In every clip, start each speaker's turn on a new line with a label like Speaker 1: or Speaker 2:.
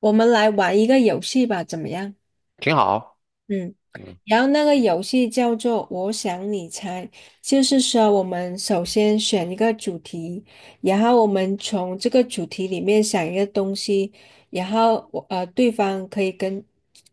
Speaker 1: 我们来玩一个游戏吧，怎么样？
Speaker 2: 挺好，
Speaker 1: 嗯，
Speaker 2: 嗯，
Speaker 1: 然后那个游戏叫做“我想你猜”，就是说我们首先选一个主题，然后我们从这个主题里面想一个东西，然后我对方可以跟，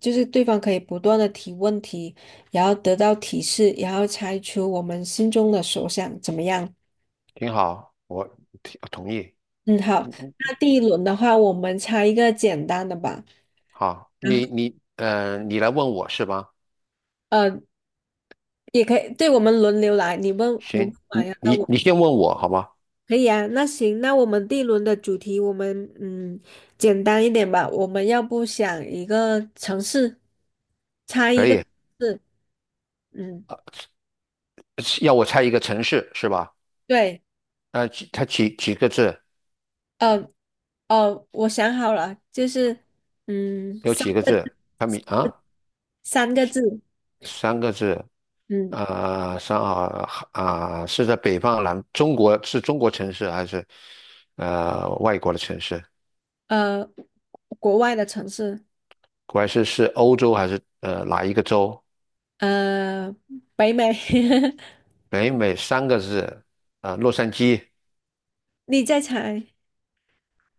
Speaker 1: 就是对方可以不断的提问题，然后得到提示，然后猜出我们心中的所想，怎么样？
Speaker 2: 挺好，我挺同意。
Speaker 1: 嗯，好，
Speaker 2: 嗯嗯，
Speaker 1: 那第一轮的话，我们猜一个简单的吧。
Speaker 2: 好，
Speaker 1: 然后
Speaker 2: 你来问我是吧？
Speaker 1: 呃，也可以，对，我们轮流来，你问你问
Speaker 2: 行，
Speaker 1: 完
Speaker 2: 你
Speaker 1: 呀，那
Speaker 2: 你
Speaker 1: 我
Speaker 2: 你先问我好吗？
Speaker 1: 可以啊，那行，那我们第一轮的主题，我们嗯简单一点吧，我们要不想一个城市，猜一
Speaker 2: 可
Speaker 1: 个字。
Speaker 2: 以，
Speaker 1: 嗯，
Speaker 2: 呃，要我猜一个城市是吧？
Speaker 1: 对，
Speaker 2: 它几个字？
Speaker 1: 呃我想好了，就是嗯
Speaker 2: 有
Speaker 1: 三
Speaker 2: 几个字？它名啊，
Speaker 1: 三个字，
Speaker 2: 三个字。
Speaker 1: 嗯
Speaker 2: 上海啊，是在北方南中国是中国城市还是外国的城市？
Speaker 1: 呃，国外的城市，
Speaker 2: 还是欧洲还是哪一个州？
Speaker 1: 呃，北美，
Speaker 2: 北美三个字，洛杉矶。
Speaker 1: 你再猜，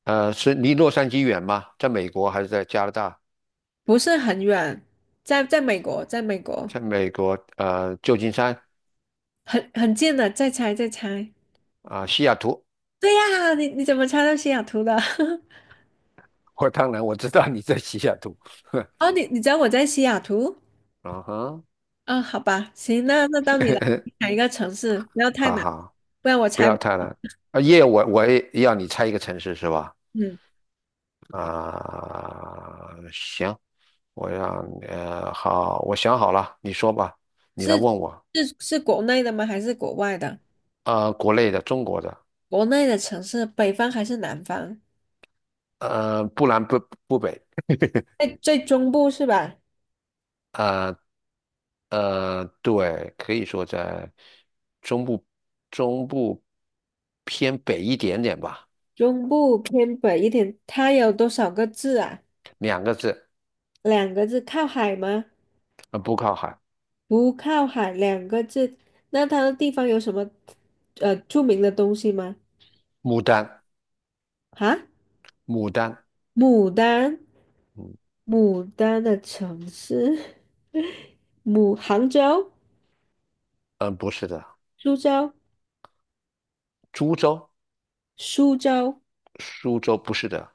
Speaker 2: 是离洛杉矶远吗？在美国还是在加拿大？
Speaker 1: 不是很远，在美国，在美国。
Speaker 2: 在美国，旧金山
Speaker 1: 很近的，再猜再猜。
Speaker 2: 啊，西雅图。
Speaker 1: 对呀，你怎么猜到西雅图的？
Speaker 2: 我当然我知道你在西雅图，
Speaker 1: 哦，你知道我在西雅图？
Speaker 2: 嗯哼，
Speaker 1: 嗯，好吧，行，那到你了，你 想一个城市，不要太
Speaker 2: 好
Speaker 1: 难，
Speaker 2: 好，
Speaker 1: 不然我
Speaker 2: 不
Speaker 1: 猜
Speaker 2: 要
Speaker 1: 不
Speaker 2: 太难。啊，耶，我也要你猜一个城市是吧？
Speaker 1: 嗯，
Speaker 2: 啊、行，我让你呃，好，我想好了，你说吧，你来
Speaker 1: 是
Speaker 2: 问我。
Speaker 1: 是国内的吗？还是国外的？
Speaker 2: 啊，国内的，中国的，
Speaker 1: 国内的城市，北方还是南方？
Speaker 2: 不南不北，
Speaker 1: 在最中部是吧？
Speaker 2: 啊。对，可以说在中部中部偏北一点点吧，
Speaker 1: 中部偏北一点，它有多少个字啊？
Speaker 2: 两个字，
Speaker 1: 两个字，靠海吗？
Speaker 2: 不靠海。
Speaker 1: 不靠海两个字，那它的地方有什么著名的东西吗？
Speaker 2: 牡丹，
Speaker 1: 啊，
Speaker 2: 牡丹，
Speaker 1: 牡丹，
Speaker 2: 嗯
Speaker 1: 牡丹的城市，牡杭州、
Speaker 2: 嗯，不是的，
Speaker 1: 苏州、
Speaker 2: 株洲，
Speaker 1: 苏州，
Speaker 2: 苏州不是的，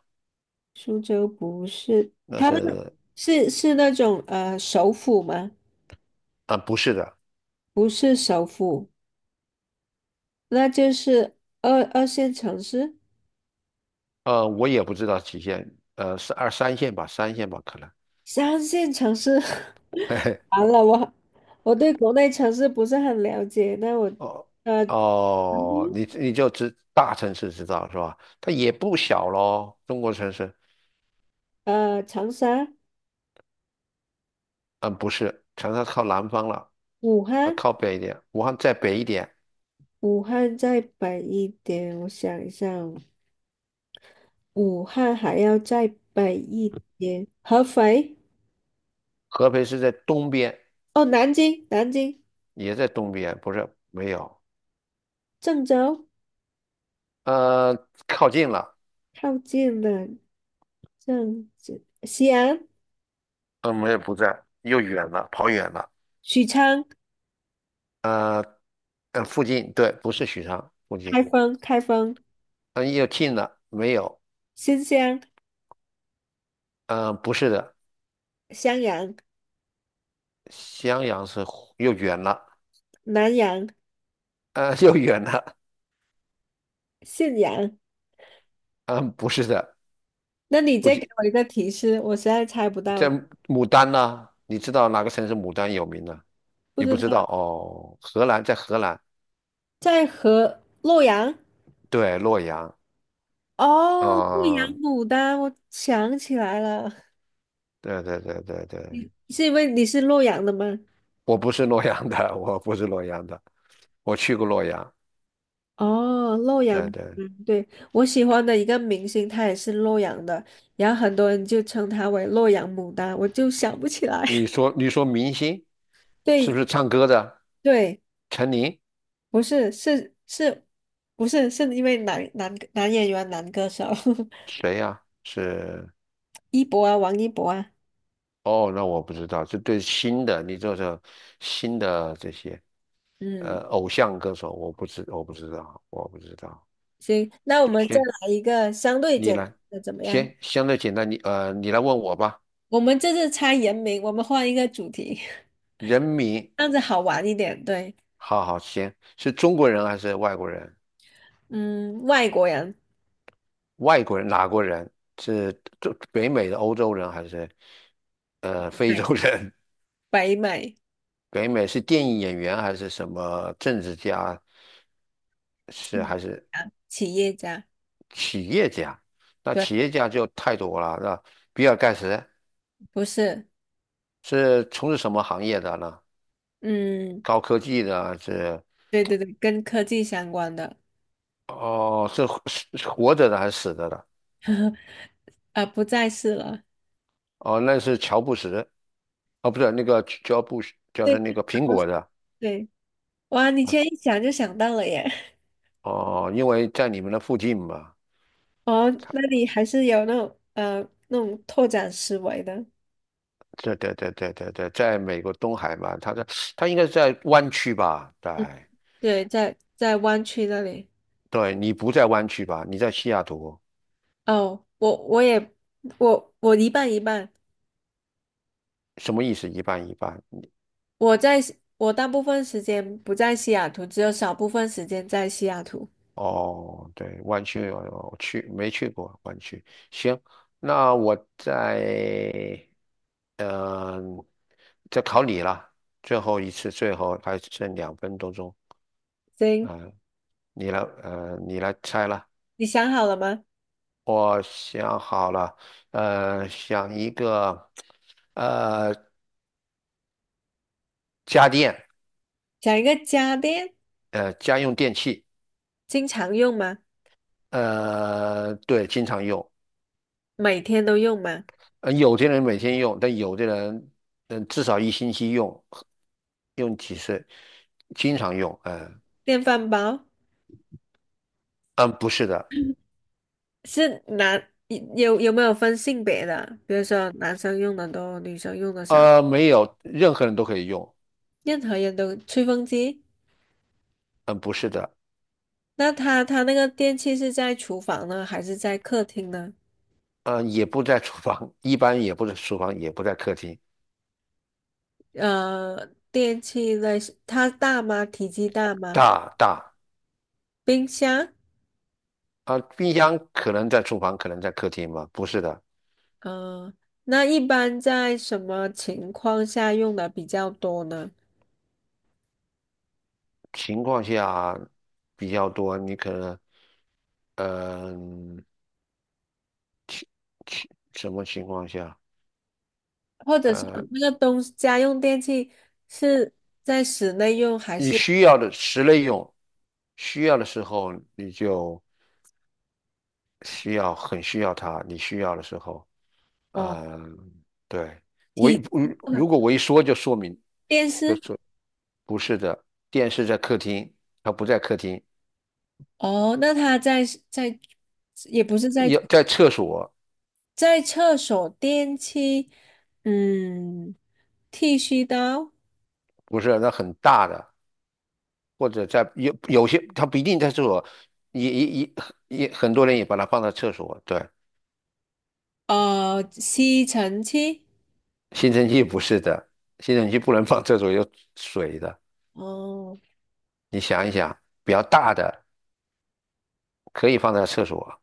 Speaker 1: 苏州不是，
Speaker 2: 那是
Speaker 1: 是是那种首府吗？
Speaker 2: 不是的，
Speaker 1: 不是首府，那就是二线城市、
Speaker 2: 我也不知道几线，是二三线吧，三线吧，可能。
Speaker 1: 三线城市。
Speaker 2: 嘿 嘿，
Speaker 1: 完了，我对国内城市不是很了解，那我
Speaker 2: 哦
Speaker 1: 呃。
Speaker 2: 哦，你你就知大城市知道是吧？它也不小咯，中国城市，
Speaker 1: 呃，长沙、
Speaker 2: 嗯，不是，长沙靠南方了。
Speaker 1: 武
Speaker 2: 啊，
Speaker 1: 汉，
Speaker 2: 靠北一点，武汉再北一点，
Speaker 1: 武汉再北一点，我想一下哦武汉还要再北一点，合肥，
Speaker 2: 合肥是在东边，
Speaker 1: 哦，南京，南京，
Speaker 2: 也在东边，不是，没有，
Speaker 1: 郑州，
Speaker 2: 呃，靠近了，
Speaker 1: 靠近了，郑州，西安，
Speaker 2: 嗯，没有，不在，又远了，跑远了，
Speaker 1: 许昌，
Speaker 2: 呃，附近，对，不是许昌附近，
Speaker 1: 开封，开封，
Speaker 2: 嗯，又近了，没有，
Speaker 1: 新乡，
Speaker 2: 嗯，不是的，
Speaker 1: 襄阳，
Speaker 2: 襄阳是又远了，
Speaker 1: 南阳，
Speaker 2: 又远了，
Speaker 1: 信阳。
Speaker 2: 嗯，不是的，
Speaker 1: 那你
Speaker 2: 不
Speaker 1: 再给
Speaker 2: 近，
Speaker 1: 我一个提示，我实在猜不到
Speaker 2: 在
Speaker 1: 了，
Speaker 2: 牡丹呢，你知道哪个城市牡丹有名呢？
Speaker 1: 不
Speaker 2: 你
Speaker 1: 知
Speaker 2: 不知道
Speaker 1: 道，
Speaker 2: 哦，河南，在河南，
Speaker 1: 在河洛阳。
Speaker 2: 对，洛阳。
Speaker 1: 哦，洛阳
Speaker 2: 嗯，
Speaker 1: 牡丹，我想起来了，
Speaker 2: 对对对对对，
Speaker 1: 是因为你是洛阳的吗？
Speaker 2: 我不是洛阳的，我去过洛阳。
Speaker 1: 哦，洛阳牡
Speaker 2: 对对，
Speaker 1: 丹对，我喜欢的一个明星，他也是洛阳的，然后很多人就称他为洛阳牡丹，我就想不起来。
Speaker 2: 你 说你说明星是不
Speaker 1: 对
Speaker 2: 是唱歌的？
Speaker 1: 对，
Speaker 2: 陈琳
Speaker 1: 不是是是，不是是因为男演员男歌手
Speaker 2: 谁呀、是
Speaker 1: 一博啊，王一博啊，
Speaker 2: 哦，那我不知道，这对新的，你这是新的这些
Speaker 1: 嗯，
Speaker 2: 偶像歌手，我不知道。
Speaker 1: 行，那我们再
Speaker 2: 行，
Speaker 1: 来一个相对
Speaker 2: 你
Speaker 1: 简单
Speaker 2: 来，
Speaker 1: 的怎么样？
Speaker 2: 行，相对简单，你来问我吧。
Speaker 1: 我们这次猜人名，我们换一个主题。
Speaker 2: 人民，
Speaker 1: 这样子好玩一点。对，
Speaker 2: 好好行，是中国人还是外国人？
Speaker 1: 嗯，外国人，
Speaker 2: 外国人哪国人？是中北美的欧洲人还是非洲
Speaker 1: 对
Speaker 2: 人？
Speaker 1: 北美
Speaker 2: 北美是电影演员还是什么政治家？是
Speaker 1: 嗯
Speaker 2: 还是
Speaker 1: 啊企业家，
Speaker 2: 企业家？那
Speaker 1: 对，
Speaker 2: 企业家就太多了。那比尔盖茨
Speaker 1: 不是，
Speaker 2: 是从事什么行业的呢？
Speaker 1: 嗯，
Speaker 2: 高科技的还是
Speaker 1: 对对对，跟科技相关的，
Speaker 2: 哦，是活着的还是死着的？
Speaker 1: 啊，不再是了。
Speaker 2: 哦，那是乔布斯，哦，不是那个乔布斯，就是
Speaker 1: 对，
Speaker 2: 那个苹 果的。
Speaker 1: 对，哇，你居然一想就想到了耶！
Speaker 2: 哦，因为在你们的附近嘛。
Speaker 1: 哦，那你还是有那种那种拓展思维的。
Speaker 2: 对对对对对对，在美国东海嘛，他应该是在湾区吧？对
Speaker 1: 嗯，对，在湾区那里。
Speaker 2: 对，你不在湾区吧？你在西雅图，
Speaker 1: 哦，我我一半一半，
Speaker 2: 什么意思？一半一半。
Speaker 1: 我在西我大部分时间不在西雅图，只有少部分时间在西雅图。
Speaker 2: 哦，对，湾区我没去过湾区。行，那我在嗯、在考你了，最后一次，最后还剩两分多钟。
Speaker 1: 行，
Speaker 2: 嗯、你来，你来猜了。
Speaker 1: 你想好了吗？
Speaker 2: 我想好了，想一个，呃。家电，
Speaker 1: 讲一个家电，
Speaker 2: 家用电器，
Speaker 1: 经常用吗？
Speaker 2: 对，经常用。
Speaker 1: 每天都用吗？
Speaker 2: 有的人每天用，但有的人，嗯、至少一星期用，用几次，经常用。嗯、
Speaker 1: 电饭煲
Speaker 2: 嗯、不是的，
Speaker 1: 是男，有没有分性别的？比如说男生用的多，女生用的少，
Speaker 2: 没有，任何人都可以用。
Speaker 1: 任何人都。吹风机，
Speaker 2: 嗯、不是的，
Speaker 1: 那它那个电器是在厨房呢，还是在客厅呢？
Speaker 2: 也不在厨房，一般也不是厨房，也不在客厅。
Speaker 1: 呃，电器类似它大吗？体积大吗？
Speaker 2: 大大
Speaker 1: 冰箱。
Speaker 2: 啊、冰箱可能在厨房，可能在客厅吧。不是的，
Speaker 1: 嗯，那一般在什么情况下用的比较多呢？
Speaker 2: 情况下比较多，你可能，嗯、情什么情况下？
Speaker 1: 或者是
Speaker 2: 呃，
Speaker 1: 那个东西家用电器是在室内用还
Speaker 2: 你
Speaker 1: 是
Speaker 2: 需要的室内用，需要的时候你就需要很需要它，你需要的时候，
Speaker 1: 哦
Speaker 2: 嗯，对，我
Speaker 1: 体
Speaker 2: 一嗯如果我一说就说明
Speaker 1: 电
Speaker 2: 就
Speaker 1: 视？
Speaker 2: 说不是的，电视在客厅，它不在客厅，
Speaker 1: 哦，那它在在也不是在
Speaker 2: 要在厕所，
Speaker 1: 在厕所电器，嗯，剃须刀，
Speaker 2: 不是那很大的，或者在有些它不一定在厕所，也也也也很多人也把它放在厕所，对。
Speaker 1: 呃，吸尘器，
Speaker 2: 吸尘器不是的，吸尘器不能放厕所,有水的。
Speaker 1: 哦，
Speaker 2: 你想一想，比较大的可以放在厕所。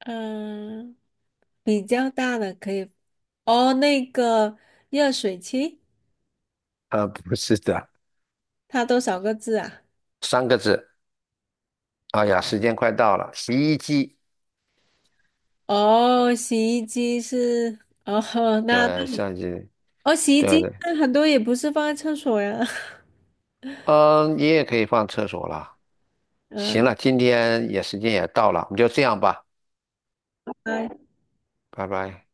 Speaker 1: 嗯，比较大的可以，哦，那个热水器。
Speaker 2: 啊，不是的，
Speaker 1: 它多少个字啊？
Speaker 2: 三个字。哎呀，时间快到了，洗衣机。
Speaker 1: 哦，洗衣机是哦，那
Speaker 2: 对，
Speaker 1: 那
Speaker 2: 相机，
Speaker 1: 哦，洗衣
Speaker 2: 对
Speaker 1: 机
Speaker 2: 对。
Speaker 1: 那很多也不是放在厕所呀，
Speaker 2: 嗯，你也可以放厕所了。行
Speaker 1: 嗯、
Speaker 2: 了，今天也时间也到了，我们就这样吧，
Speaker 1: 它
Speaker 2: 拜拜。